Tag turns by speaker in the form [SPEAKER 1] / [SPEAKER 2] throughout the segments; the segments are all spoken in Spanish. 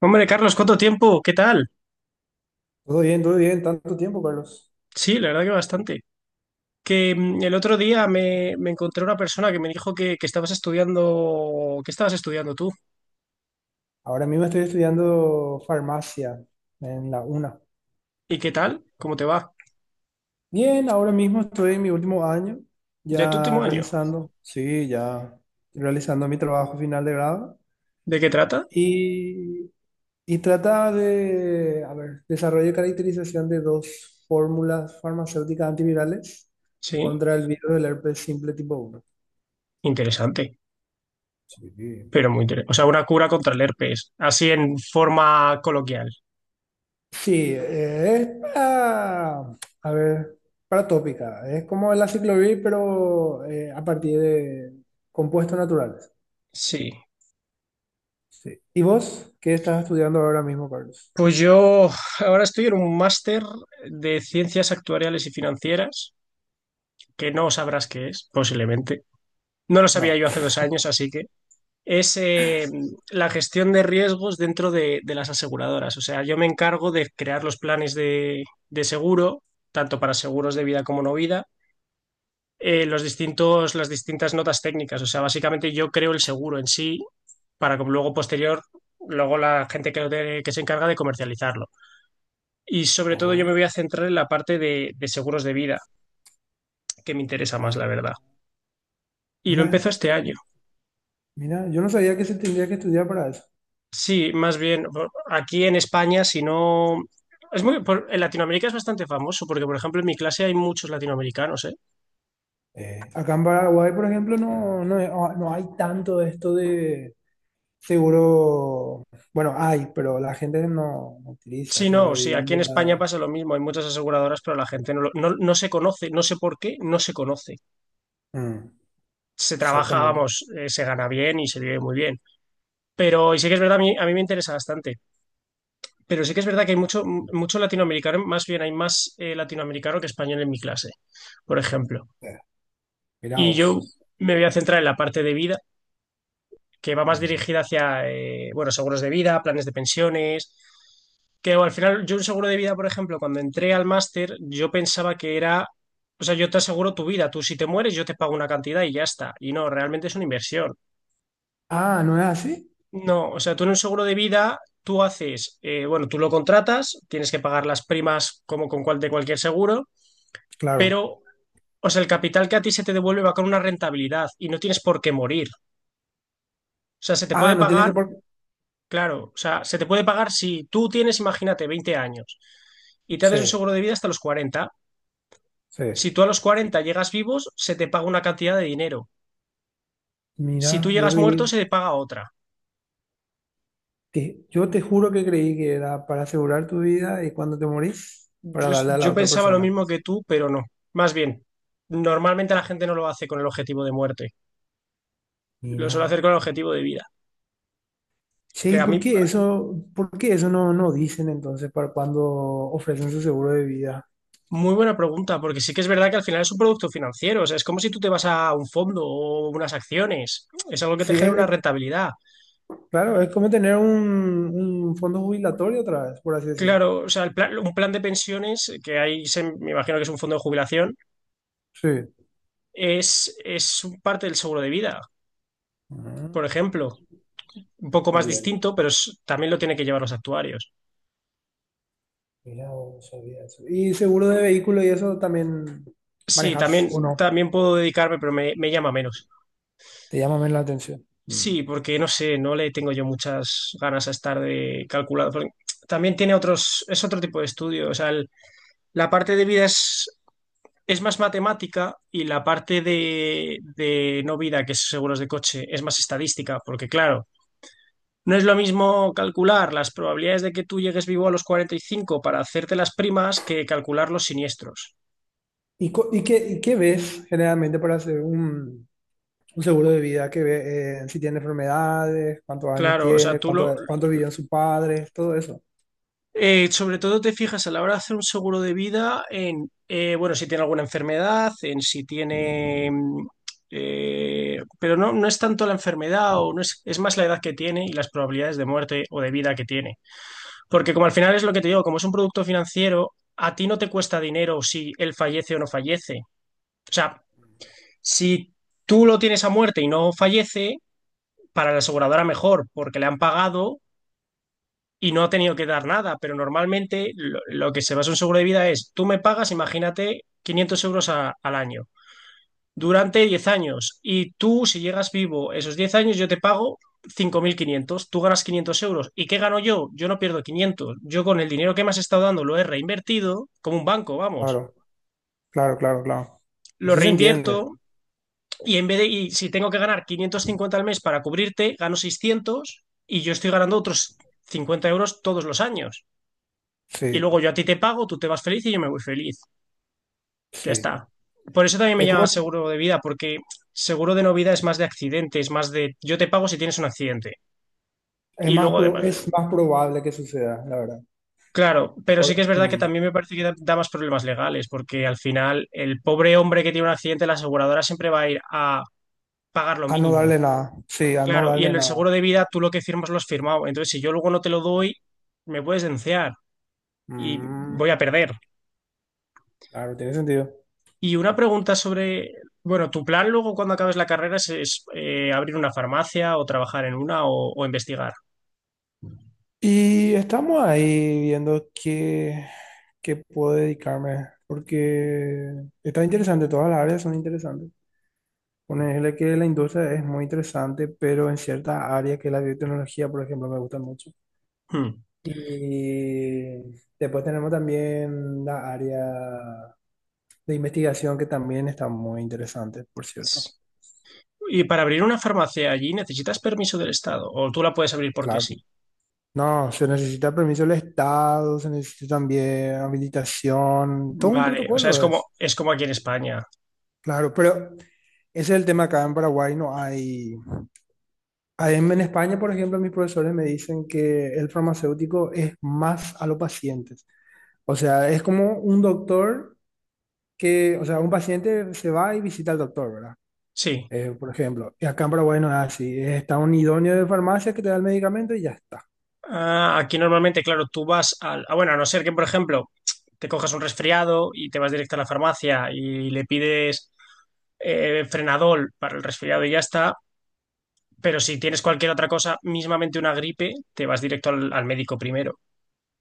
[SPEAKER 1] Hombre, Carlos, ¿cuánto tiempo? ¿Qué tal?
[SPEAKER 2] Todo bien, tanto tiempo, Carlos.
[SPEAKER 1] Sí, la verdad que bastante. Que el otro día me encontré una persona que me dijo que estabas estudiando tú.
[SPEAKER 2] Ahora mismo estoy estudiando farmacia en la UNA.
[SPEAKER 1] ¿Y qué tal? ¿Cómo te va?
[SPEAKER 2] Bien, ahora mismo estoy en mi último año,
[SPEAKER 1] ¿De tu
[SPEAKER 2] ya
[SPEAKER 1] último año?
[SPEAKER 2] realizando, sí, ya realizando mi trabajo final de grado.
[SPEAKER 1] ¿De qué trata?
[SPEAKER 2] Y, y trata de, a ver, desarrollo y caracterización de dos fórmulas farmacéuticas antivirales
[SPEAKER 1] Sí,
[SPEAKER 2] contra el virus del herpes simple tipo uno.
[SPEAKER 1] interesante,
[SPEAKER 2] Sí.
[SPEAKER 1] pero muy interesante. O sea, una cura contra el herpes, así en forma coloquial.
[SPEAKER 2] Sí, es para, a ver, para tópica. Es como la ciclovir, pero a partir de compuestos naturales.
[SPEAKER 1] Sí.
[SPEAKER 2] Sí. ¿Y vos qué estás estudiando ahora mismo, Carlos?
[SPEAKER 1] Pues yo ahora estoy en un máster de ciencias actuariales y financieras, que no sabrás qué es, posiblemente. No lo sabía
[SPEAKER 2] No.
[SPEAKER 1] yo hace 2 años, así que es la gestión de riesgos dentro de las aseguradoras. O sea, yo me encargo de crear los planes de seguro, tanto para seguros de vida como no vida, las distintas notas técnicas. O sea, básicamente yo creo el seguro en sí para que luego la gente que se encarga de comercializarlo. Y sobre todo yo me
[SPEAKER 2] Oh,
[SPEAKER 1] voy a centrar en la parte de seguros de vida, que me interesa más,
[SPEAKER 2] ah,
[SPEAKER 1] la verdad. Y lo
[SPEAKER 2] mira,
[SPEAKER 1] empezó este
[SPEAKER 2] yo,
[SPEAKER 1] año.
[SPEAKER 2] mira, yo no sabía que se tendría que estudiar para eso.
[SPEAKER 1] Sí, más bien aquí en España, si no. En Latinoamérica es bastante famoso porque, por ejemplo, en mi clase hay muchos latinoamericanos, ¿eh?
[SPEAKER 2] Acá en Paraguay, por ejemplo, no, no, es- ah, no hay tanto esto de seguro. Bueno, hay, pero la gente no, no utiliza
[SPEAKER 1] Sí,
[SPEAKER 2] seguro
[SPEAKER 1] no,
[SPEAKER 2] de
[SPEAKER 1] sí, aquí en España
[SPEAKER 2] vida.
[SPEAKER 1] pasa lo mismo, hay muchas aseguradoras, pero la gente no se conoce, no sé por qué, no se conoce.
[SPEAKER 2] Mm,
[SPEAKER 1] Se trabaja,
[SPEAKER 2] exactamente.
[SPEAKER 1] vamos, se gana bien y se vive muy bien. Pero, y sí que es verdad, a mí me interesa bastante, pero sí que es verdad que hay mucho, mucho latinoamericano, más bien hay más latinoamericano que español en mi clase, por ejemplo.
[SPEAKER 2] Mirá
[SPEAKER 1] Y yo
[SPEAKER 2] vos.
[SPEAKER 1] me voy a centrar en la parte de vida que va más
[SPEAKER 2] Mm.
[SPEAKER 1] dirigida hacia, bueno, seguros de vida, planes de pensiones, que bueno, al final yo un seguro de vida, por ejemplo, cuando entré al máster, yo pensaba que era, o sea, yo te aseguro tu vida, tú si te mueres yo te pago una cantidad y ya está, y no, realmente es una inversión.
[SPEAKER 2] Ah, ¿no es así?
[SPEAKER 1] No, o sea, tú en un seguro de vida, tú haces, bueno, tú lo contratas, tienes que pagar las primas como con de cualquier seguro,
[SPEAKER 2] Claro.
[SPEAKER 1] pero, o sea, el capital que a ti se te devuelve va con una rentabilidad y no tienes por qué morir. O sea, se te
[SPEAKER 2] Ah,
[SPEAKER 1] puede
[SPEAKER 2] no tienes
[SPEAKER 1] pagar.
[SPEAKER 2] que por...
[SPEAKER 1] Claro, o sea, se te puede pagar si tú tienes, imagínate, 20 años y te
[SPEAKER 2] Sí,
[SPEAKER 1] haces un seguro de vida hasta los 40.
[SPEAKER 2] sí.
[SPEAKER 1] Si tú a los 40 llegas vivos, se te paga una cantidad de dinero. Si tú
[SPEAKER 2] Mira, yo
[SPEAKER 1] llegas muerto,
[SPEAKER 2] creí,
[SPEAKER 1] se te paga otra.
[SPEAKER 2] que- yo te juro que creí que era para asegurar tu vida y cuando te morís, para
[SPEAKER 1] Yo, es-
[SPEAKER 2] darle a la
[SPEAKER 1] yo
[SPEAKER 2] otra
[SPEAKER 1] pensaba lo
[SPEAKER 2] persona.
[SPEAKER 1] mismo que tú, pero no. Más bien, normalmente la gente no lo hace con el objetivo de muerte, lo suele
[SPEAKER 2] Mira.
[SPEAKER 1] hacer con el objetivo de vida.
[SPEAKER 2] Sí,
[SPEAKER 1] Que
[SPEAKER 2] ¿y
[SPEAKER 1] a mí,
[SPEAKER 2] por qué eso no, no dicen entonces para cuando ofrecen su seguro de vida?
[SPEAKER 1] muy buena pregunta, porque sí que es verdad que al final es un producto financiero, o sea, es como si tú te vas a un fondo o unas acciones, es algo que te
[SPEAKER 2] Sí,
[SPEAKER 1] genera una
[SPEAKER 2] es-
[SPEAKER 1] rentabilidad.
[SPEAKER 2] claro, es como tener un fondo jubilatorio otra vez, por así decir.
[SPEAKER 1] Claro, o sea, un plan de pensiones, que ahí me imagino que es un fondo de jubilación,
[SPEAKER 2] Sí.
[SPEAKER 1] es un parte del seguro de vida,
[SPEAKER 2] Mm.
[SPEAKER 1] por ejemplo. Un poco más
[SPEAKER 2] También.
[SPEAKER 1] distinto, pero también lo tienen que llevar los actuarios.
[SPEAKER 2] Mira, no sabía eso. Y seguro de vehículo y eso también
[SPEAKER 1] Sí,
[SPEAKER 2] manejas o
[SPEAKER 1] también,
[SPEAKER 2] no.
[SPEAKER 1] también puedo dedicarme, pero me llama menos.
[SPEAKER 2] Te llama menos la atención. Mm.
[SPEAKER 1] Sí, porque no sé, no le tengo yo muchas ganas a estar de calculado, porque también tiene otros, es otro tipo de estudio. O sea, la parte de vida es más matemática y la parte de no vida, que es seguros de coche, es más estadística, porque claro. No es lo mismo calcular las probabilidades de que tú llegues vivo a los 45 para hacerte las primas que calcular los siniestros.
[SPEAKER 2] ¿Y, co- y qué ves generalmente para hacer un seguro de vida? ¿Qué ve, si tiene enfermedades, cuántos años
[SPEAKER 1] Claro, o sea,
[SPEAKER 2] tiene, cuánto, cuánto vivió en sus padres, todo eso.
[SPEAKER 1] sobre todo te fijas a la hora de hacer un seguro de vida en, bueno, si tiene alguna enfermedad, en si tiene, pero no es tanto la enfermedad o no es, es más la edad que tiene y las probabilidades de muerte o de vida que tiene. Porque como al final es lo que te digo, como es un producto financiero, a ti no te cuesta dinero si él fallece o no fallece. O sea, si tú lo tienes a muerte y no fallece, para la aseguradora mejor, porque le han pagado y no ha tenido que dar nada. Pero normalmente lo que se basa en un seguro de vida es, tú me pagas, imagínate, 500 euros al año durante 10 años. Y tú, si llegas vivo esos 10 años, yo te pago 5.500, tú ganas 500 euros. ¿Y qué gano yo? Yo no pierdo 500. Yo con el dinero que me has estado dando lo he reinvertido, como un banco, vamos.
[SPEAKER 2] Claro, claro, claro, claro.
[SPEAKER 1] Lo
[SPEAKER 2] Eso se entiende.
[SPEAKER 1] reinvierto. Y si tengo que ganar 550 al mes para cubrirte, gano 600 y yo estoy ganando otros 50 euros todos los años. Y
[SPEAKER 2] Sí,
[SPEAKER 1] luego yo a ti te pago, tú te vas feliz y yo me voy feliz. Ya
[SPEAKER 2] sí.
[SPEAKER 1] está. Por eso también me
[SPEAKER 2] Es
[SPEAKER 1] llama
[SPEAKER 2] como,
[SPEAKER 1] seguro de vida, porque seguro de no vida es más de accidentes, más de yo te pago si tienes un accidente.
[SPEAKER 2] es
[SPEAKER 1] Y
[SPEAKER 2] más,
[SPEAKER 1] luego de...
[SPEAKER 2] pro- es más probable que suceda, la verdad.
[SPEAKER 1] Claro, pero sí
[SPEAKER 2] Por-
[SPEAKER 1] que es verdad que
[SPEAKER 2] mm,
[SPEAKER 1] también me parece que da más problemas legales, porque al final el pobre hombre que tiene un accidente, la aseguradora siempre va a ir a pagar lo
[SPEAKER 2] a no darle
[SPEAKER 1] mínimo.
[SPEAKER 2] nada. Sí, a no
[SPEAKER 1] Claro, y
[SPEAKER 2] darle
[SPEAKER 1] en el
[SPEAKER 2] nada.
[SPEAKER 1] seguro de vida tú lo que firmas lo has firmado. Entonces, si yo luego no te lo doy, me puedes denunciar y
[SPEAKER 2] Mm,
[SPEAKER 1] voy a perder.
[SPEAKER 2] claro, tiene sentido.
[SPEAKER 1] Y una pregunta sobre, bueno, tu plan luego cuando acabes la carrera es, abrir una farmacia o trabajar en una o investigar.
[SPEAKER 2] Y estamos ahí viendo qué, qué puedo dedicarme, porque está interesante, todas las áreas son interesantes. Ponerle que la industria es muy interesante, pero en ciertas áreas que la biotecnología, por ejemplo, me gusta mucho.
[SPEAKER 1] Hmm.
[SPEAKER 2] Y después tenemos también la área de investigación que también está muy interesante, por cierto.
[SPEAKER 1] Y para abrir una farmacia allí necesitas permiso del Estado o tú la puedes abrir porque
[SPEAKER 2] Claro.
[SPEAKER 1] sí.
[SPEAKER 2] No, se necesita permiso del Estado, se necesita también habilitación, todo un
[SPEAKER 1] Vale, o sea,
[SPEAKER 2] protocolo es.
[SPEAKER 1] es como aquí en España.
[SPEAKER 2] Claro, pero ese es el tema acá en Paraguay, no hay... hay- en España, por ejemplo, mis profesores me dicen que el farmacéutico es más a los pacientes. O sea, es como un doctor que, o sea, un paciente se va y visita al doctor, ¿verdad?
[SPEAKER 1] Sí.
[SPEAKER 2] Por ejemplo, y acá en Paraguay no es así. Está un idóneo de farmacia que te da el medicamento y ya está.
[SPEAKER 1] Ah, aquí normalmente, claro, tú vas ah, bueno, a no ser que, por ejemplo, te cojas un resfriado y te vas directo a la farmacia y le pides frenadol para el resfriado y ya está. Pero si tienes cualquier otra cosa, mismamente una gripe, te vas directo al médico primero.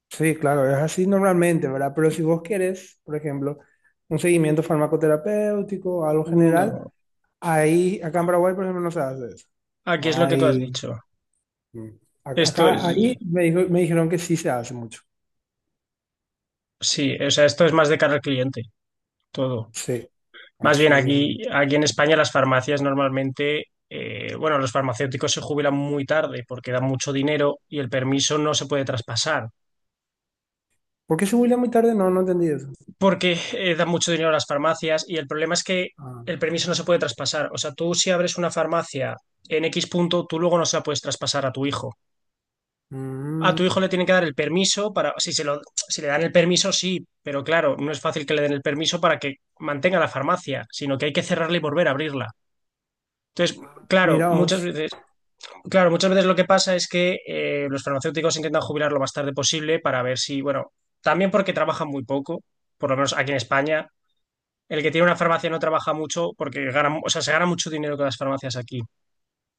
[SPEAKER 2] Sí, claro, es así normalmente, ¿verdad? Pero si vos querés, por ejemplo, un seguimiento farmacoterapéutico, algo general,
[SPEAKER 1] No,
[SPEAKER 2] ahí, acá en Paraguay, por ejemplo, no se hace eso.
[SPEAKER 1] aquí es
[SPEAKER 2] No
[SPEAKER 1] lo que tú has
[SPEAKER 2] hay.
[SPEAKER 1] dicho.
[SPEAKER 2] Mm. Ac-
[SPEAKER 1] Esto es...
[SPEAKER 2] Acá, ahí me dijo- me dijeron que sí se hace mucho.
[SPEAKER 1] Sí, o sea, esto es más de cara al cliente, todo.
[SPEAKER 2] Sí,
[SPEAKER 1] Más bien
[SPEAKER 2] así mismo.
[SPEAKER 1] aquí, en España las farmacias normalmente, bueno, los farmacéuticos se jubilan muy tarde porque dan mucho dinero y el permiso no se puede traspasar,
[SPEAKER 2] ¿Por qué se huila muy tarde? No, no entendí eso.
[SPEAKER 1] porque dan mucho dinero a las farmacias y el problema es que
[SPEAKER 2] Ah.
[SPEAKER 1] el permiso no se puede traspasar. O sea, tú si abres una farmacia en X punto, tú luego no se la puedes traspasar a tu hijo. A
[SPEAKER 2] Mm,
[SPEAKER 1] tu hijo le tienen que dar el permiso para, si le dan el permiso, sí, pero claro, no es fácil que le den el permiso para que mantenga la farmacia, sino que hay que cerrarla y volver a abrirla. Entonces, claro,
[SPEAKER 2] mira
[SPEAKER 1] muchas
[SPEAKER 2] vos.
[SPEAKER 1] veces claro, muchas veces lo que pasa es que los farmacéuticos intentan jubilar lo más tarde posible para ver si, bueno, también porque trabajan muy poco, por lo menos aquí en España. El que tiene una farmacia no trabaja mucho porque gana, o sea, se gana mucho dinero con las farmacias aquí.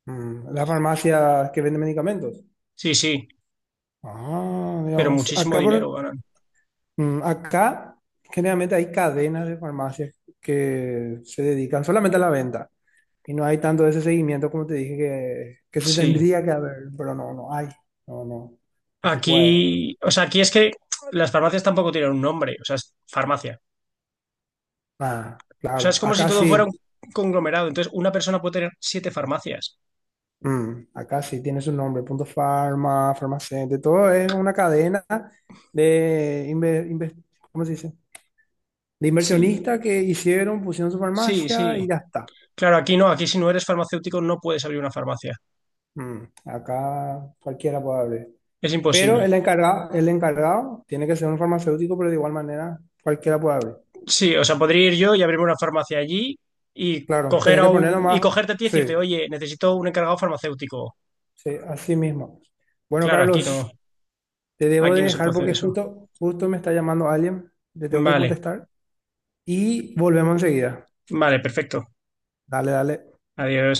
[SPEAKER 2] Mm, la farmacia que vende medicamentos.
[SPEAKER 1] Sí, sí,
[SPEAKER 2] Ah, mira
[SPEAKER 1] pero
[SPEAKER 2] vos.
[SPEAKER 1] muchísimo
[SPEAKER 2] Acá,
[SPEAKER 1] dinero
[SPEAKER 2] por,
[SPEAKER 1] ganan.
[SPEAKER 2] mm, acá generalmente hay cadenas de farmacias que se dedican solamente a la venta. Y no hay tanto de ese seguimiento como te dije que se
[SPEAKER 1] Sí.
[SPEAKER 2] tendría que haber, pero no, no hay. No, no, no se
[SPEAKER 1] Aquí,
[SPEAKER 2] puede.
[SPEAKER 1] o sea, aquí es que las farmacias tampoco tienen un nombre, o sea, es farmacia.
[SPEAKER 2] Ah,
[SPEAKER 1] O sea,
[SPEAKER 2] claro.
[SPEAKER 1] es como si
[SPEAKER 2] Acá
[SPEAKER 1] todo fuera
[SPEAKER 2] sí.
[SPEAKER 1] un conglomerado. Entonces, una persona puede tener 7 farmacias.
[SPEAKER 2] Mm, acá sí tiene su nombre, Punto Farma, Farmacéutico, todo es una cadena de, inve- inve- ¿cómo se dice? De
[SPEAKER 1] Sí,
[SPEAKER 2] inversionistas que hicieron, pusieron su
[SPEAKER 1] sí,
[SPEAKER 2] farmacia
[SPEAKER 1] sí.
[SPEAKER 2] y ya está.
[SPEAKER 1] Claro, aquí no, aquí si no eres farmacéutico no puedes abrir una farmacia.
[SPEAKER 2] Mm, acá cualquiera puede abrir.
[SPEAKER 1] Es
[SPEAKER 2] Pero
[SPEAKER 1] imposible.
[SPEAKER 2] el encargado tiene que ser un farmacéutico, pero de igual manera cualquiera puede abrir.
[SPEAKER 1] Sí, o sea, podría ir yo y abrirme una farmacia allí y
[SPEAKER 2] Claro,
[SPEAKER 1] coger
[SPEAKER 2] tenés que poner
[SPEAKER 1] y
[SPEAKER 2] nomás,
[SPEAKER 1] cogerte a ti y
[SPEAKER 2] sí,
[SPEAKER 1] decirte, oye, necesito un encargado farmacéutico.
[SPEAKER 2] sí, así mismo. Bueno,
[SPEAKER 1] Claro,
[SPEAKER 2] Carlos, te debo
[SPEAKER 1] aquí
[SPEAKER 2] de
[SPEAKER 1] no se puede
[SPEAKER 2] dejar
[SPEAKER 1] hacer
[SPEAKER 2] porque
[SPEAKER 1] eso.
[SPEAKER 2] justo, justo me está llamando alguien, le tengo que
[SPEAKER 1] Vale,
[SPEAKER 2] contestar y volvemos enseguida.
[SPEAKER 1] vale, perfecto.
[SPEAKER 2] Dale, dale.
[SPEAKER 1] Adiós.